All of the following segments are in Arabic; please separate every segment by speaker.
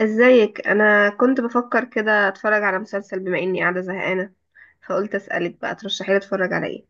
Speaker 1: ازيك؟ انا كنت بفكر كده اتفرج على مسلسل بما اني قاعده زهقانه، فقلت اسالك بقى ترشحي لي اتفرج على ايه.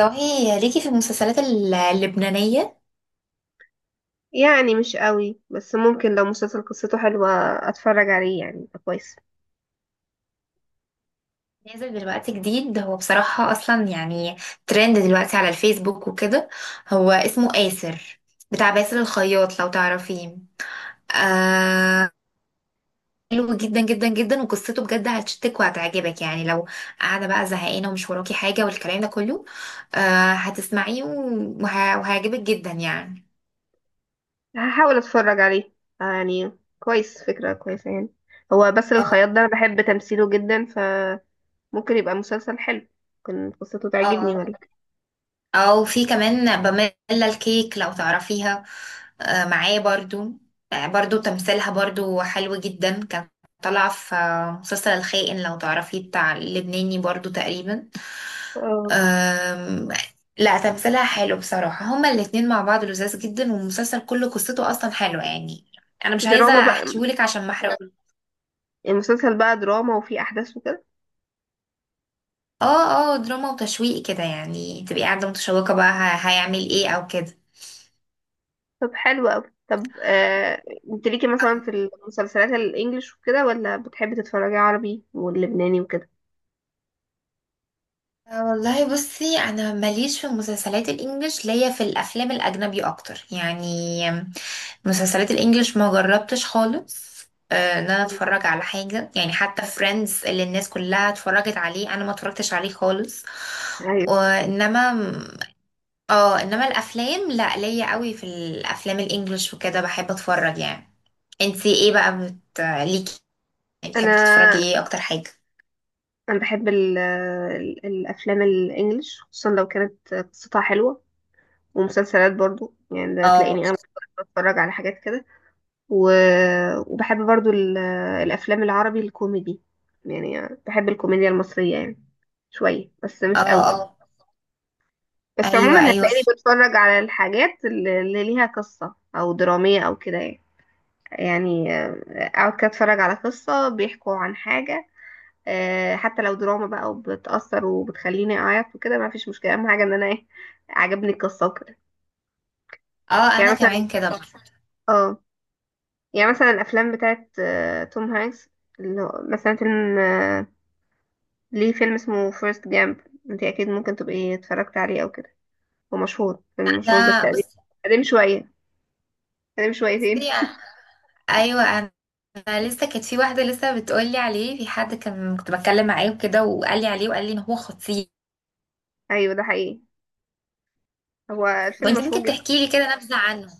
Speaker 2: والله ليكي في المسلسلات اللبنانية.
Speaker 1: يعني مش قوي، بس ممكن لو مسلسل قصته حلوه اتفرج عليه، يعني يبقى كويس.
Speaker 2: نازل دلوقتي جديد هو بصراحة أصلا يعني ترند دلوقتي على الفيسبوك وكده. هو اسمه آسر، بتاع باسل الخياط لو تعرفيه. آه، حلو جدا جدا جدا، وقصته بجد هتشتك وهتعجبك، يعني لو قاعدة بقى زهقانة ومش وراكي حاجة والكلام ده كله، آه هتسمعيه وهيعجبك جدا يعني.
Speaker 1: هحاول اتفرج عليه. آه يعني كويس، فكره كويسه يعني. هو بس الخياط ده انا بحب تمثيله جدا، فممكن يبقى مسلسل حلو. ممكن قصته تعجبني
Speaker 2: اه،
Speaker 1: ولا؟
Speaker 2: او في كمان باميلا الكيك لو تعرفيها، معاه برضو. آه، برضو تمثيلها برضو حلو جدا، كانت طالعة في مسلسل الخائن لو تعرفيه، بتاع اللبناني برضو تقريبا.
Speaker 1: اه
Speaker 2: آم، لا تمثيلها حلو بصراحة، هما الاتنين مع بعض لذاذ جدا، والمسلسل كله قصته اصلا حلوة يعني. انا مش عايزة
Speaker 1: دراما بقى؟
Speaker 2: احكيهولك عشان ما احرقوش.
Speaker 1: المسلسل بقى دراما وفيه احداث وكده؟
Speaker 2: اه اه، دراما وتشويق كده يعني، تبقي قاعدة متشوقة بقى هيعمل ايه او كده.
Speaker 1: طب حلو أوي. طب انت ليكي مثلا في المسلسلات الانجليش وكده، ولا بتحبي تتفرجي عربي واللبناني وكده؟
Speaker 2: والله بصي انا ماليش في المسلسلات الانجليش، ليا في الافلام الاجنبي اكتر يعني. مسلسلات الانجليش ما جربتش خالص آه، ان انا اتفرج على حاجه يعني، حتى فريندز اللي الناس كلها اتفرجت عليه انا ما اتفرجتش عليه خالص.
Speaker 1: ايوه.
Speaker 2: وانما اه، انما الافلام لا، ليا قوي في الافلام الانجليش وكده، بحب اتفرج يعني. انتي ايه بقى ليكي، بتحبي تتفرجي
Speaker 1: انا
Speaker 2: ايه اكتر حاجه؟
Speaker 1: انا بحب ال الافلام الانجليش خصوصا لو كانت قصتها حلوه، ومسلسلات برضو يعني. ده
Speaker 2: اه
Speaker 1: تلاقيني انا بتفرج على حاجات كده، و... وبحب برضو الافلام العربي الكوميدي، يعني بحب الكوميديا المصريه يعني شويه بس
Speaker 2: اه
Speaker 1: مش قوي.
Speaker 2: اه.
Speaker 1: بس
Speaker 2: ايوه
Speaker 1: عموما
Speaker 2: ايوه.
Speaker 1: هتلاقيني بتفرج على الحاجات اللي ليها قصة او درامية او كده يعني. يعني اقعد كده اتفرج على قصة بيحكوا عن حاجة. حتى لو دراما بقى وبتأثر وبتخليني اعيط وكده ما فيش مشكلة، اهم حاجة ان انا ايه؟ عجبني القصة وكده.
Speaker 2: اه
Speaker 1: يعني
Speaker 2: انا
Speaker 1: مثلا
Speaker 2: كمان كده. طب
Speaker 1: اه، يعني مثلا الافلام بتاعت توم هانكس، اللي هو مثلا فيلم ليه فيلم اسمه فيرست جامب. انت اكيد ممكن تبقي اتفرجت عليه او كده، هو مشهور، فيلم مشهور بس
Speaker 2: انا
Speaker 1: قديم.
Speaker 2: بصي.
Speaker 1: قديم شوية، قديم شويتين.
Speaker 2: ايوه انا، أنا لسه كانت في واحده لسه بتقولي عليه، في حد كان كنت بتكلم معاه وكده وقال لي عليه وقال لي ان هو خطير.
Speaker 1: ايوه ده حقيقي، هو الفيلم
Speaker 2: وانت
Speaker 1: مشهور
Speaker 2: ممكن
Speaker 1: جدا.
Speaker 2: تحكي لي كده نبذه عنه؟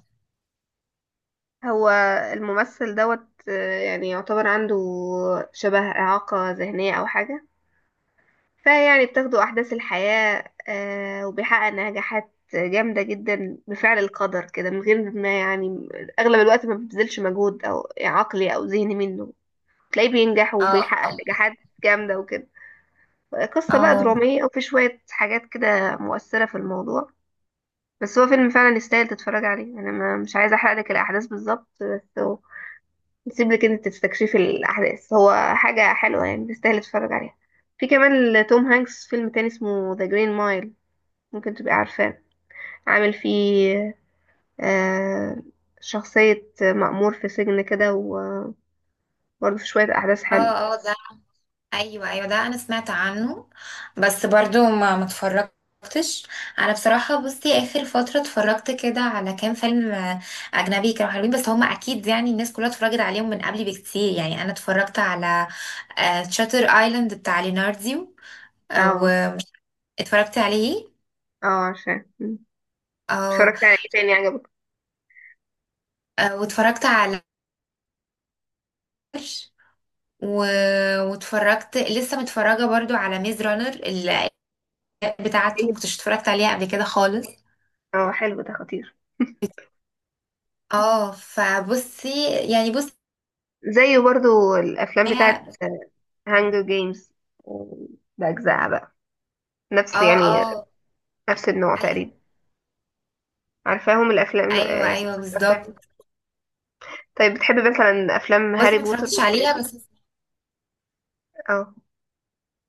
Speaker 1: هو الممثل دوت يعني يعتبر عنده شبه إعاقة ذهنية أو حاجة، فيعني بتاخده أحداث الحياة، وبيحقق نجاحات جامدة جدا بفعل القدر كده من غير ما يعني أغلب الوقت ما بيبذلش مجهود أو عقلي أو ذهني منه. تلاقيه بينجح
Speaker 2: اه
Speaker 1: وبيحقق
Speaker 2: اه
Speaker 1: نجاحات جامدة وكده. قصة بقى
Speaker 2: اه
Speaker 1: درامية وفي شوية حاجات كده مؤثرة في الموضوع. بس هو فيلم فعلا يستاهل تتفرج عليه. أنا ما- مش عايزة أحرقلك الأحداث بالظبط، بس نسيب لك انت تستكشفي الاحداث. هو حاجه حلوه يعني، تستاهل تتفرج عليها. في كمان لتوم هانكس فيلم تاني اسمه ذا جرين مايل، ممكن تبقى عارفاه. عامل فيه آه شخصيه مأمور في سجن كده، وبرضه في شويه احداث حلوه.
Speaker 2: اه. ده ايوه ايوه، ده انا سمعت عنه بس برضو ما اتفرجتش. انا بصراحه بصي، اخر فتره اتفرجت كده على كام فيلم اجنبي كانوا حلوين، بس هم اكيد يعني الناس كلها اتفرجت عليهم من قبلي بكتير. يعني انا اتفرجت على شاتر ايلاند بتاع ليناردو، آه،
Speaker 1: اه
Speaker 2: واتفرجت عليه.
Speaker 1: اه عارفاه. مم.
Speaker 2: اه،
Speaker 1: اتفرجت على ايه تاني عجبك؟
Speaker 2: آه، واتفرجت على و... واتفرجت لسه متفرجه برضو على ميز رانر بتاعته،
Speaker 1: إيه؟
Speaker 2: ما كنتش اتفرجت عليها قبل كده خالص.
Speaker 1: اه حلو، ده خطير.
Speaker 2: اه فبصي يعني بصي
Speaker 1: زيه برضو الافلام
Speaker 2: هي.
Speaker 1: بتاعت هانجر جيمز باجزائها بقى، نفس
Speaker 2: اه
Speaker 1: يعني
Speaker 2: اه.
Speaker 1: نفس النوع
Speaker 2: ايوه
Speaker 1: تقريبا. عارفاهم الافلام،
Speaker 2: ايوه ايوه
Speaker 1: سلسله الافلام.
Speaker 2: بالظبط.
Speaker 1: طيب بتحب مثلا افلام
Speaker 2: بصي
Speaker 1: هاري
Speaker 2: ما
Speaker 1: بوتر
Speaker 2: اتفرجتش
Speaker 1: والحاجات
Speaker 2: عليها
Speaker 1: دي؟
Speaker 2: بس.
Speaker 1: اه.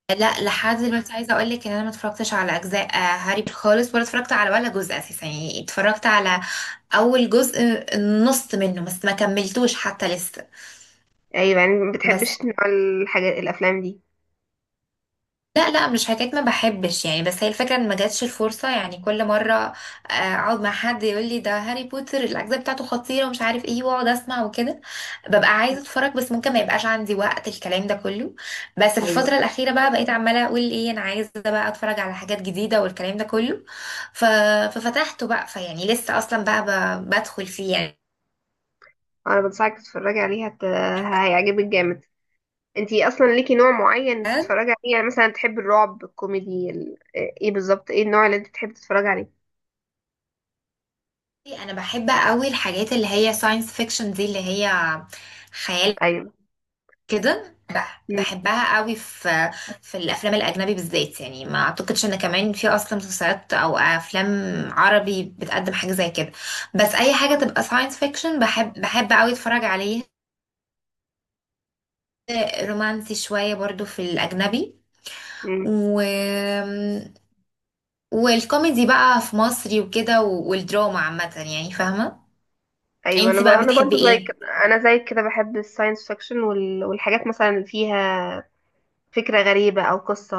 Speaker 2: لا لحد دلوقتي عايزه اقول لك ان انا ما اتفرجتش على اجزاء هاري بوتر خالص، ولا اتفرجت على ولا جزء اساسا، يعني اتفرجت على اول جزء، النص منه بس ما كملتوش حتى لسه.
Speaker 1: ايوه يعني ما
Speaker 2: بس
Speaker 1: بتحبش نوع الحاجات الافلام دي؟
Speaker 2: لا لا، مش حكايه ما بحبش يعني، بس هي الفكره ان ما جاتش الفرصه، يعني كل مره اقعد مع حد يقول لي ده هاري بوتر الاجزاء بتاعته خطيره ومش عارف ايه، واقعد اسمع وكده، ببقى عايزه اتفرج، بس ممكن ما يبقاش عندي وقت الكلام ده كله. بس في
Speaker 1: ايوه.
Speaker 2: الفتره الاخيره بقى بقيت عماله اقول ايه، انا عايزه بقى اتفرج على حاجات جديده والكلام ده كله. ف... ففتحته بقى، فيعني لسه اصلا بقى بدخل فيه.
Speaker 1: انا بنصحك تتفرجي عليها، هيعجبك جامد. انتي اصلا ليكي نوع معين
Speaker 2: يعني
Speaker 1: تتفرجي عليه؟ يعني مثلا تحبي الرعب، الكوميدي، ايه بالظبط ايه النوع اللي انت تحبي تتفرجي عليه؟
Speaker 2: انا بحب قوي الحاجات اللي هي ساينس فيكشن دي، اللي هي خيال
Speaker 1: ايوه.
Speaker 2: كده،
Speaker 1: مم.
Speaker 2: بحبها قوي في في الافلام الاجنبي بالذات يعني. ما اعتقدش ان كمان في اصلا مسلسلات او افلام عربي بتقدم حاجه زي كده، بس اي حاجه تبقى ساينس فيكشن بحب بحب قوي اتفرج عليها. رومانسي شويه برضو في الاجنبي
Speaker 1: مم.
Speaker 2: و... والكوميدي بقى في مصري وكده، والدراما عامه، يعني فاهمه. انتي بقى
Speaker 1: انا
Speaker 2: بتحبي
Speaker 1: برضو زي
Speaker 2: ايه؟
Speaker 1: كده، انا زي كده بحب الساينس فيكشن والحاجات مثلا اللي فيها فكرة غريبة او قصة،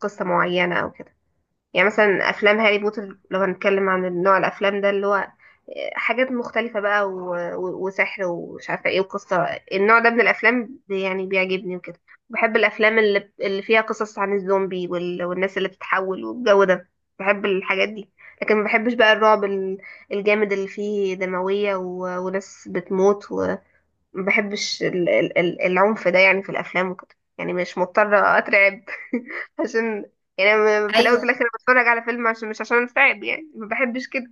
Speaker 1: قصة معينة او كده. يعني مثلا افلام هاري بوتر، لو هنتكلم عن نوع الافلام ده اللي هو حاجات مختلفة بقى وسحر ومش عارفة ايه وقصة، النوع ده من الافلام يعني بيعجبني وكده. بحب الافلام اللي فيها قصص عن الزومبي والناس اللي بتتحول والجو ده، بحب الحاجات دي. لكن ما بحبش بقى الجامد اللي فيه دموية وناس بتموت. ما بحبش العنف ده يعني في الافلام وكده، يعني مش مضطره اترعب. عشان يعني أنا في الاول وفي
Speaker 2: ايوه
Speaker 1: الاخر بتفرج على فيلم عشان مش عشان اترعب، يعني ما بحبش كده.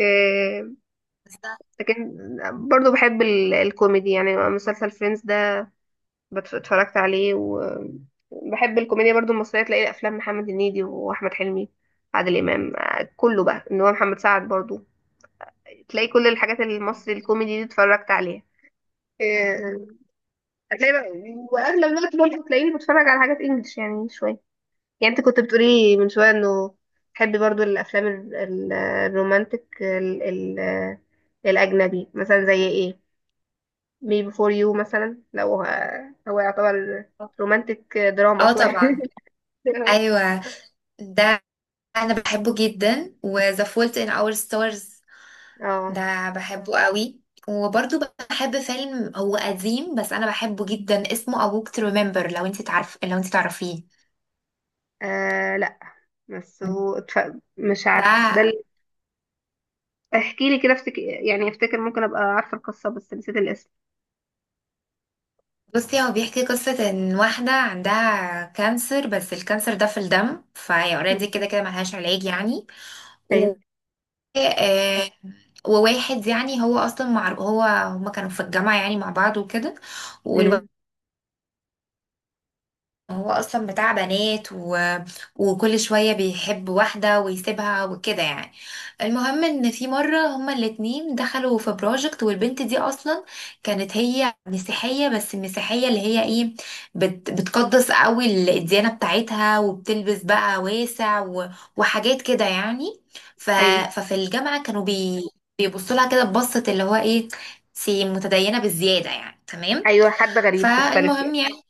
Speaker 1: آه،
Speaker 2: بالظبط.
Speaker 1: لكن برضو بحب الكوميدي، يعني مسلسل فريندز ده اتفرجت عليه. وبحب الكوميديا برضو المصريه، تلاقي افلام محمد هنيدي واحمد حلمي عادل امام، كله بقى. ان هو محمد سعد برضو، تلاقي كل الحاجات المصري الكوميدي دي اتفرجت عليها. آه، هتلاقي بقى واغلب الوقت برضه هتلاقيني بتفرج على حاجات انجلش يعني شويه. يعني انت كنت بتقولي من شويه انه تحبي برضو الافلام الرومانتك ال الاجنبي مثلا زي ايه؟ مي بيفور يو مثلا، لو هو يعتبر رومانتك دراما
Speaker 2: اه
Speaker 1: شويه.
Speaker 2: طبعا. ايوه ده انا بحبه جدا، و The Fault in Our Stars
Speaker 1: اه.
Speaker 2: ده بحبه قوي. وبرضو بحب فيلم هو قديم بس انا بحبه جدا، اسمه A Walk to Remember، لو انت تعرف لو انت تعرفيه.
Speaker 1: آه، لا. بس هو مش عارفه ده
Speaker 2: ده
Speaker 1: اللي، احكي لي كده افتكر يعني، افتكر ممكن ابقى عارفه القصه بس نسيت الاسم.
Speaker 2: بصي، هو بيحكي قصة ان واحدة عندها كانسر، بس الكانسر ده في الدم فهي اوريدي كده كده ملهاش علاج يعني.
Speaker 1: ايوه.
Speaker 2: و آه، وواحد يعني، هو اصلا مع هو هما كانوا في الجامعة يعني مع بعض وكده، والولد
Speaker 1: امم.
Speaker 2: هو اصلا بتاع بنات وكل شوية بيحب واحدة ويسيبها وكده يعني. المهم ان في مرة هما الاتنين دخلوا في بروجكت، والبنت دي اصلا كانت هي مسيحية، بس المسيحية اللي هي ايه، بتقدس قوي الديانة بتاعتها، وبتلبس بقى واسع وحاجات كده يعني. ف...
Speaker 1: ايوه
Speaker 2: ففي الجامعة كانوا بيبصوا لها كده ببصة، اللي هو ايه، سي متدينة بالزيادة يعني، تمام.
Speaker 1: ايوه، حد غريب مختلف
Speaker 2: فالمهم
Speaker 1: يعني.
Speaker 2: يعني،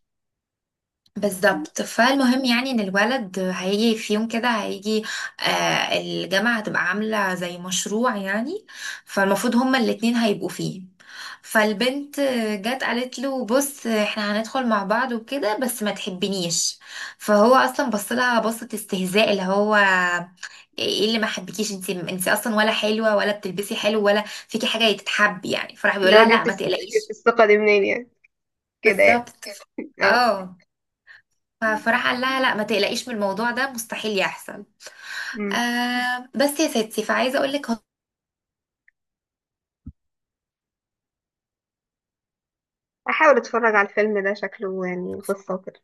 Speaker 2: بالظبط، فالمهم يعني ان الولد هيجي في يوم كده، هيجي آه الجامعة هتبقى عاملة زي مشروع يعني، فالمفروض هما الاتنين هيبقوا فيه. فالبنت جت قالت له بص احنا هندخل مع بعض وكده، بس ما تحبنيش. فهو اصلا بص لها بصة استهزاء، اللي هو ايه اللي ما حبكيش، انت انت اصلا ولا حلوة ولا بتلبسي حلو ولا فيكي حاجة تتحب يعني، فراح
Speaker 1: اللي
Speaker 2: بيقول
Speaker 1: هو
Speaker 2: لها لا ما
Speaker 1: جبت
Speaker 2: تقلقيش.
Speaker 1: الثقة دي منين يعني، كده يعني.
Speaker 2: بالظبط.
Speaker 1: اه.
Speaker 2: اه. فراح قال لها لا ما تقلقيش، من الموضوع ده مستحيل يحصل.
Speaker 1: أمم.
Speaker 2: آه بس يا ستي، فعايزه اقول لك،
Speaker 1: احاول اتفرج على الفيلم ده، شكله يعني قصة وكده.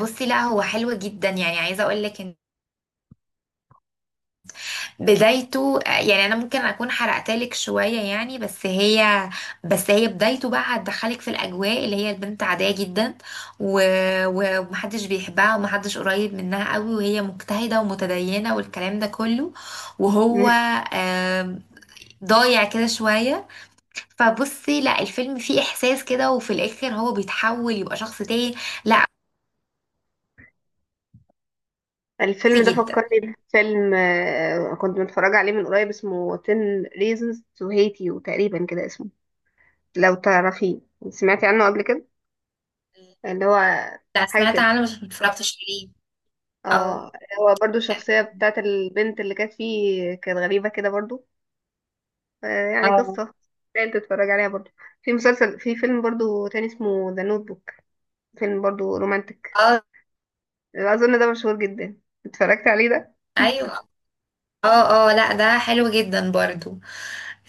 Speaker 2: بصي لا هو حلو جدا يعني، عايزه اقول لك ان بدايته يعني انا ممكن اكون حرقت لك شويه يعني، بس هي بس هي بدايته بقى هتدخلك في الاجواء، اللي هي البنت عاديه جدا و... ومحدش بيحبها، ومحدش قريب منها قوي، وهي مجتهده ومتدينه والكلام ده كله، وهو
Speaker 1: أمم.
Speaker 2: آه ضايع كده شويه. فبصي لا، الفيلم فيه احساس كده، وفي الاخر هو بيتحول يبقى شخص تاني. لا بصي
Speaker 1: الفيلم ده
Speaker 2: جدا.
Speaker 1: فكرني بفيلم كنت متفرجة عليه من قريب اسمه 10 reasons to hate you تقريبا كده اسمه، لو تعرفيه. سمعتي عنه قبل كده؟ اللي هو
Speaker 2: لا
Speaker 1: حاجة
Speaker 2: سمعت
Speaker 1: كده.
Speaker 2: عنه بس متفرجتش عليه. اه
Speaker 1: اه. هو برضو الشخصية بتاعت البنت اللي كانت فيه كانت غريبة كده برضو، آه، يعني
Speaker 2: اه
Speaker 1: قصة تقدر تتفرج عليها برضو. في مسلسل، في فيلم برضو تاني اسمه ذا نوت بوك، فيلم برضو رومانتك،
Speaker 2: اه.
Speaker 1: اظن ده مشهور جدا. اتفرجت عليه ده.
Speaker 2: ايوه. اه اه، لا ده حلو جدا برضو.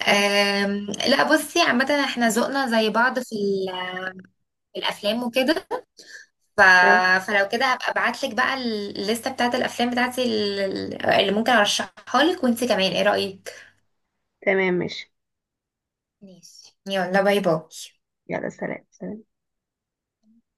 Speaker 1: اه.
Speaker 2: أم لا بصي، عامة احنا ذوقنا زي بعض في في الافلام وكده. ف...
Speaker 1: آه.
Speaker 2: فلو كده هبقى ابعتلك بقى الليستة بتاعت الافلام بتاعتي اللي ممكن ارشحها لك، وانتي كمان ايه رأيك؟
Speaker 1: تمام ماشي.
Speaker 2: ماشي. يلا باي باي.
Speaker 1: يلا سلام سلام.